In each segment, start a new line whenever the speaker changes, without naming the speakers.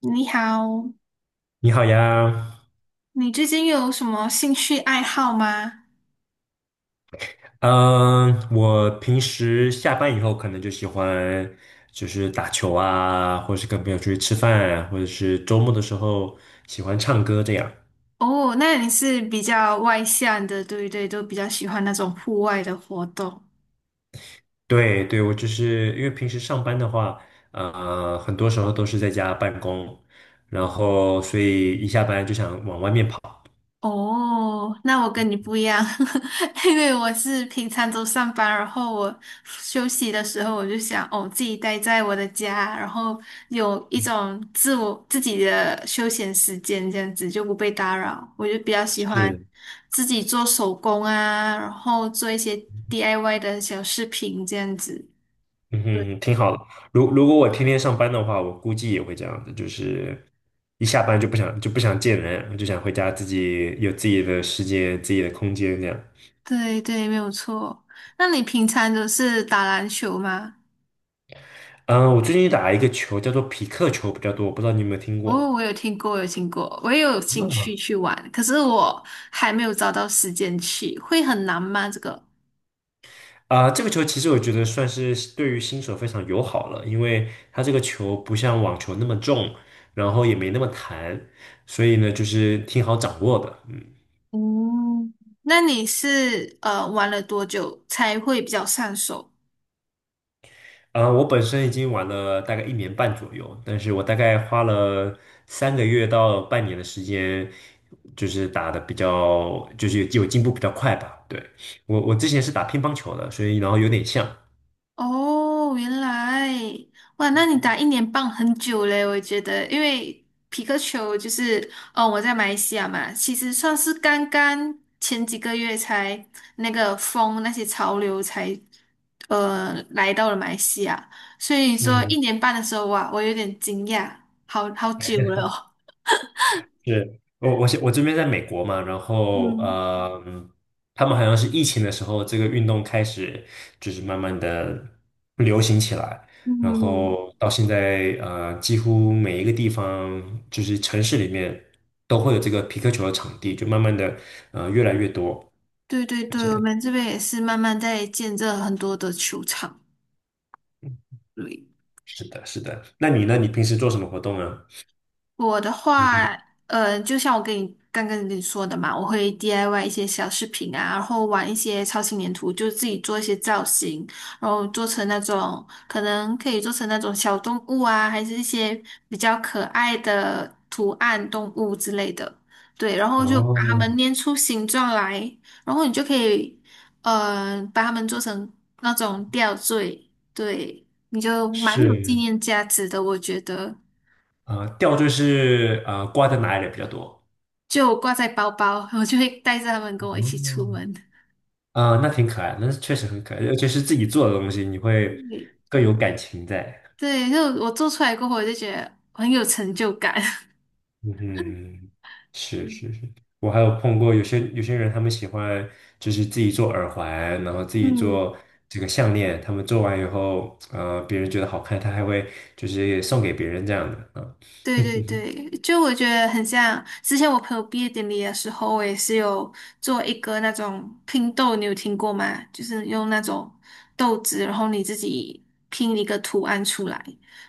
你好，
你好呀，
你最近有什么兴趣爱好吗？
嗯，我平时下班以后可能就喜欢就是打球啊，或者是跟朋友出去吃饭啊，或者是周末的时候喜欢唱歌这样。
哦，那你是比较外向的，对不对？都比较喜欢那种户外的活动。
对对，我就是因为平时上班的话，很多时候都是在家办公，然后所以一下班就想往外面跑。
哦，那我跟你不一样，因为我是平常都上班，然后我休息的时候我就想，哦，自己待在我的家，然后有一种自我自己的休闲时间，这样子就不被打扰。我就比较喜欢
是。
自己做手工啊，然后做一些 DIY 的小饰品这样子。
嗯
对
哼，挺好的。如果我天天上班的话，我估计也会这样子，就是一下班就不想见人，就想回家自己有自己的时间、自己的空间这样。
对对，没有错。那你平常都是打篮球吗？
嗯，我最近打一个球叫做匹克球比较多，我不知道你有没有听过。
哦，我有听过，有听过，我也有兴
嗯，
趣去玩，可是我还没有找到时间去，会很难吗？这个？
这个球其实我觉得算是对于新手非常友好了，因为它这个球不像网球那么重，然后也没那么弹，所以呢，就是挺好掌握的。
嗯，那你是玩了多久才会比较上手？
我本身已经玩了大概1年半左右，但是我大概花了三个月到半年的时间，就是打的比较，就是有进步比较快吧。对，我之前是打乒乓球的，所以然后有点像。
哦，原来，哇，那你打一年半很久嘞，我觉得，因为皮克球就是，哦，我在马来西亚嘛，其实算是刚刚前几个月才那个风那些潮流才，来到了马来西亚，所以说
嗯。
一年半的时候，哇，我有点惊讶，好好久了哦。
是我这边在美国嘛，然后
嗯
他们好像是疫情的时候，这个运动开始就是慢慢的流行起来，然
嗯，
后到现在几乎每一个地方就是城市里面都会有这个皮克球的场地，就慢慢的越来越多
对对
这
对，我
样。
们这边也是慢慢在建设很多的球场。对
是的，是的。那你呢？你平时做什么活动呢？
我的
你
话，就像我刚刚跟你说的嘛，我会 DIY 一些小饰品啊，然后玩一些超轻粘土，就自己做一些造型，然后做成那种可以做成那种小动物啊，还是一些比较可爱的图案动物之类的。对，然后就把
哦，
它们捏出形状来，然后你就可以，把它们做成那种吊坠，对，你就蛮有纪
是
念价值的，我觉得。
啊，吊坠是啊，挂在哪里比较多？
就挂在包包，我就会带着他们跟我一
哦
起出门。
啊、那挺可爱的，那确实很可爱，尤其是自己做的东西，你会更有感情在。
对，就我做出来过后，我就觉得很有成就感。
嗯，是是是，我还有碰过有些人，他们喜欢就是自己做耳环，然后自己
嗯，
做这个项链，他们做完以后，别人觉得好看，他还会就是送给别人这样的啊。
对对对，就我觉得很像之前我朋友毕业典礼的时候，我也是有做一个那种拼豆，你有听过吗？就是用那种豆子，然后你自己拼一个图案出来。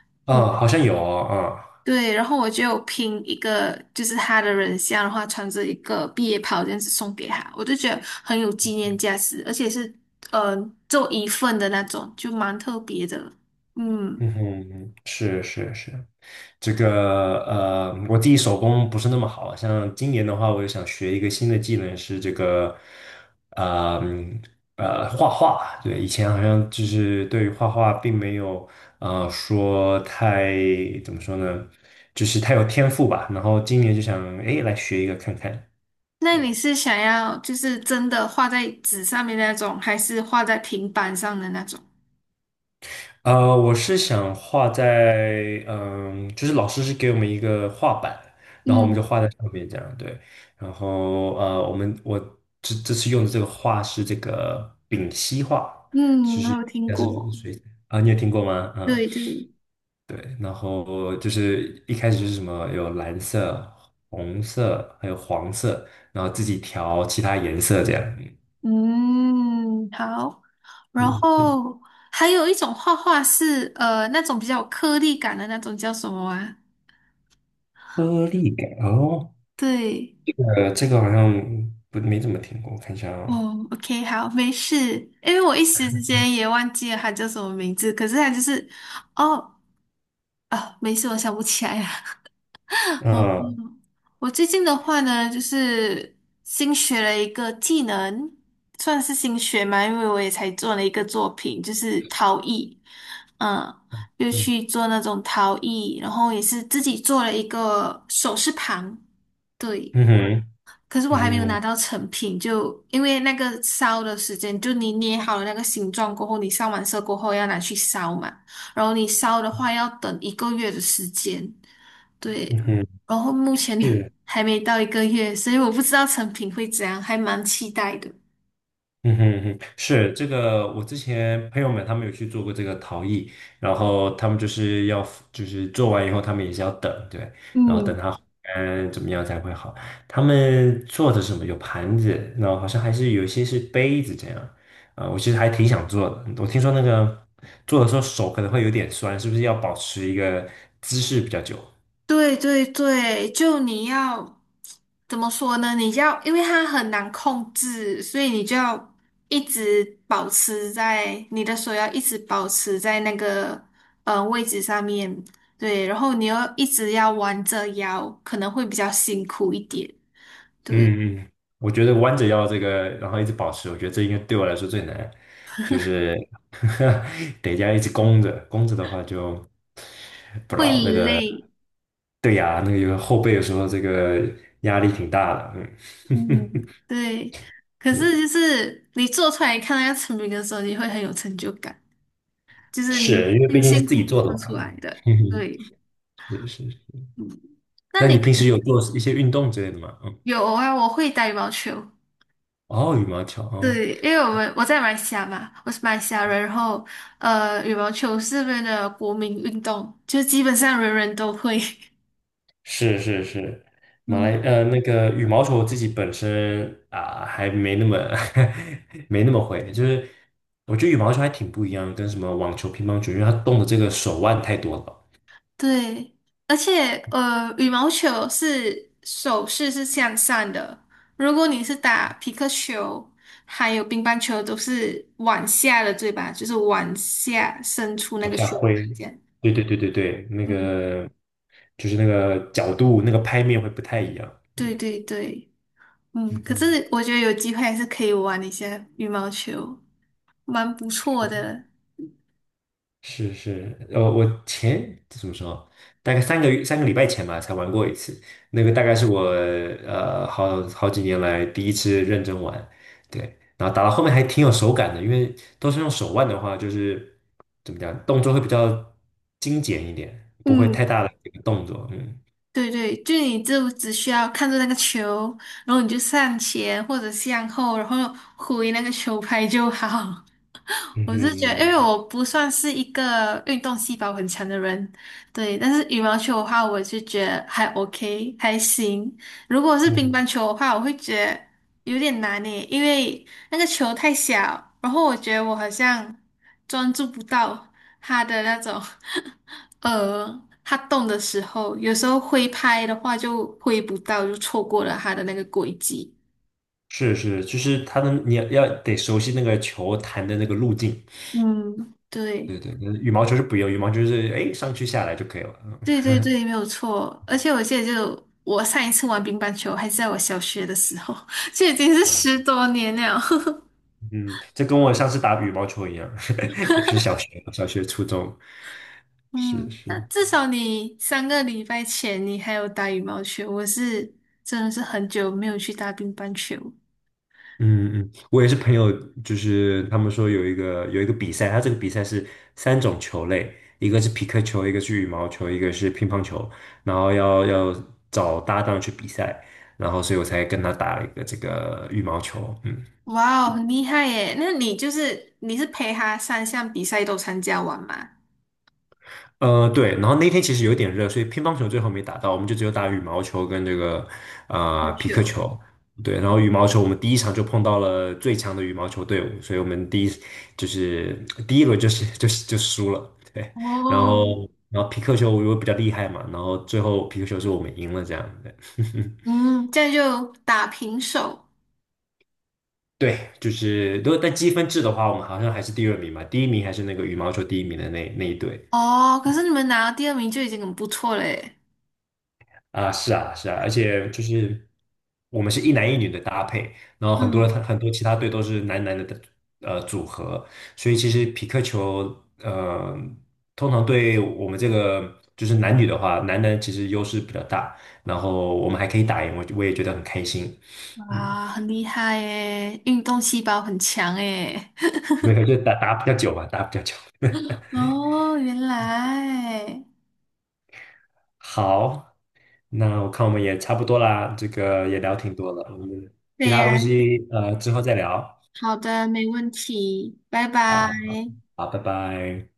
好像有哦啊、
对，然后我就有拼一个，就是他的人像的话，穿着一个毕业袍这样子送给他，我就觉得很有纪念价值，而且是呃做一份的那种，就蛮特别的。嗯，
嗯哼，是是是，这个我自己手工不是那么好，像今年的话，我也想学一个新的技能，是这个呃嗯画画。对，以前好像就是对于画画并没有说太怎么说呢，就是太有天赋吧。然后今年就想哎来学一个看看。
那
对。
你是想要就是真的画在纸上面那种，还是画在平板上的那种？
我是想画在，就是老师是给我们一个画板，然后我们
嗯
就画在上面这样，对。然后我这次用的这个画是这个丙烯画，
嗯，
就
我
是
有听
但是
过。
水啊，你有听过吗？嗯，
对对，
对。然后就是一开始就是什么有蓝色、红色，还有黄色，然后自己调其他颜色这样。
嗯，好。然
嗯，
后还有一种画画是那种比较有颗粒感的那种，叫什么啊？
颗粒感哦。
对，
这个好像不没怎么听过，我看一下啊，
哦，OK，好，没事，因为我一时之间也忘记了他叫什么名字，可是他就是，哦，啊，没事，我想不起来了。哦，
啊，
嗯我最近的话呢，就是新学了一个技能，算是新学嘛，因为我也才做了一个作品，就是陶艺，嗯，又
嗯
去做那种陶艺，然后也是自己做了一个首饰盘，对。
嗯哼，
可是我还没有
嗯
拿到成品，就因为那个烧的时间，就你捏好了那个形状过后，你上完色过后要拿去烧嘛，然后你烧的话要等一个月的时间，对，
嗯哼，
然后目前
是，
还没到一个月，所以我不知道成品会怎样，还蛮期待的。
嗯哼嗯哼，是这个，我之前朋友们他们有去做过这个陶艺，然后他们就是要就是做完以后，他们也是要等，对，然后等
嗯，
它怎么样才会好。他们做的是什么？有盘子，然后好像还是有一些是杯子这样，我其实还挺想做的，我听说那个做的时候手可能会有点酸，是不是要保持一个姿势比较久？
对对对，就你要怎么说呢？你要，因为它很难控制，所以你就要一直保持在你的手要一直保持在那个位置上面，对，然后你又一直要弯着腰，可能会比较辛苦一点，对，
嗯嗯，我觉得弯着腰这个，然后一直保持，我觉得这应该对我来说最难，就是 得这样一直弓着，弓着的话就不知
会
道那个，
累，
对呀，那个有后背的时候这个压力挺大的，
嗯，对。可
嗯，
是就是你做出来看到要成品的时候，你会很有成就感，就 是你
是因为毕
辛
竟是
辛
自己
苦苦
做的
做
嘛，
出来的，
嗯
对。
是是。
嗯那
那
你
你
平
平时有做一些运动之类的吗？嗯，
有啊？我会打羽毛球，
哦，羽毛球，哦，
对，因为我在马来西亚嘛，我是马来西亚人，然后羽毛球是这边的国民运动，就基本上人人都会。
是是是，
嗯，
那个羽毛球我自己本身还没那么 没那么会，就是我觉得羽毛球还挺不一样跟什么网球、乒乓球，因为它动的这个手腕太多了，
对，而且羽毛球是手势是向上的，如果你是打皮克球，还有乒乓球都是往下的，对吧？就是往下伸出那
往
个
下
球
挥，
这样。
对对对对对，那
嗯，
个就是那个角度、那个拍面会不太一样，嗯
对对对。嗯，
嗯
可
嗯。
是我觉得有机会还是可以玩一下羽毛球，蛮不错的。
是是，怎么说，大概三个月、3个礼拜前吧，才玩过一次。那个大概是我好几年来第一次认真玩，对。然后打到后面还挺有手感的，因为都是用手腕的话，就是怎么讲，动作会比较精简一点，不会太
嗯，
大的这个动作。嗯
对对，就你就只需要看着那个球，然后你就上前或者向后，然后挥那个球拍就好。
嗯
我是觉得，因
哼
为我不算是一个运动细胞很强的人，对。但是羽毛球的话，我就觉得还 OK，还行。如果是
嗯
乒
哼
乓球的话，我会觉得有点难诶，因为那个球太小，然后我觉得我好像专注不到它的那种 它动的时候，有时候挥拍的话就挥不到，就错过了它的那个轨迹。
是是，就是它的你要得熟悉那个球弹的那个路径。
嗯，对。
对对，羽毛球是不用，羽毛球是哎上去下来就可以了。
对
嗯
对对，没有错。而且我记得就，我上一次玩乒乓球还是在我小学的时候，就已经是十多年了。
嗯，这跟我上次打羽毛球一样，也是小学、初中，是
嗯，那
是，
至少你三个礼拜前你还有打羽毛球，我是真的是很久没有去打乒乓球。
嗯嗯，我也是朋友，就是他们说有一个比赛，他这个比赛是3种球类，一个是皮克球，一个是羽毛球，一个是乒乓球，然后要找搭档去比赛，然后所以我才跟他打了一个这个羽毛球，嗯。
哇哦，很厉害耶！那你是陪他三项比赛都参加完吗？
对，然后那天其实有点热，所以乒乓球最后没打到，我们就只有打羽毛球跟这个
乒乓
匹克
球。
球。对，然后羽毛球我们第一场就碰到了最强的羽毛球队伍，所以我们就是第一轮就是就输了。对，然
哦，
后然后匹克球我又比较厉害嘛，然后最后匹克球是我们赢了这样。对，
嗯，这样就打平手。
对，就是如果在积分制的话，我们好像还是第二名嘛，第一名还是那个羽毛球第一名的那一队。
哦，可是你们拿到第二名就已经很不错了耶。
啊，是啊，是啊，而且就是我们是一男一女的搭配，然后很多
嗯。
很多其他队都是男男的组合，所以其实匹克球呃通常对我们这个就是男女的话，男男其实优势比较大，然后我们还可以打赢，我也觉得很开心，嗯，
哇，很厉害耶，运动细胞很强耶。
没有就打打比较久吧，打比较久。
哦，原来，
好，那我看我们也差不多啦，这个也聊挺多了，我们其
对
他
呀，
东西之后再聊
好的，没问题，拜拜。
啊，好，拜拜。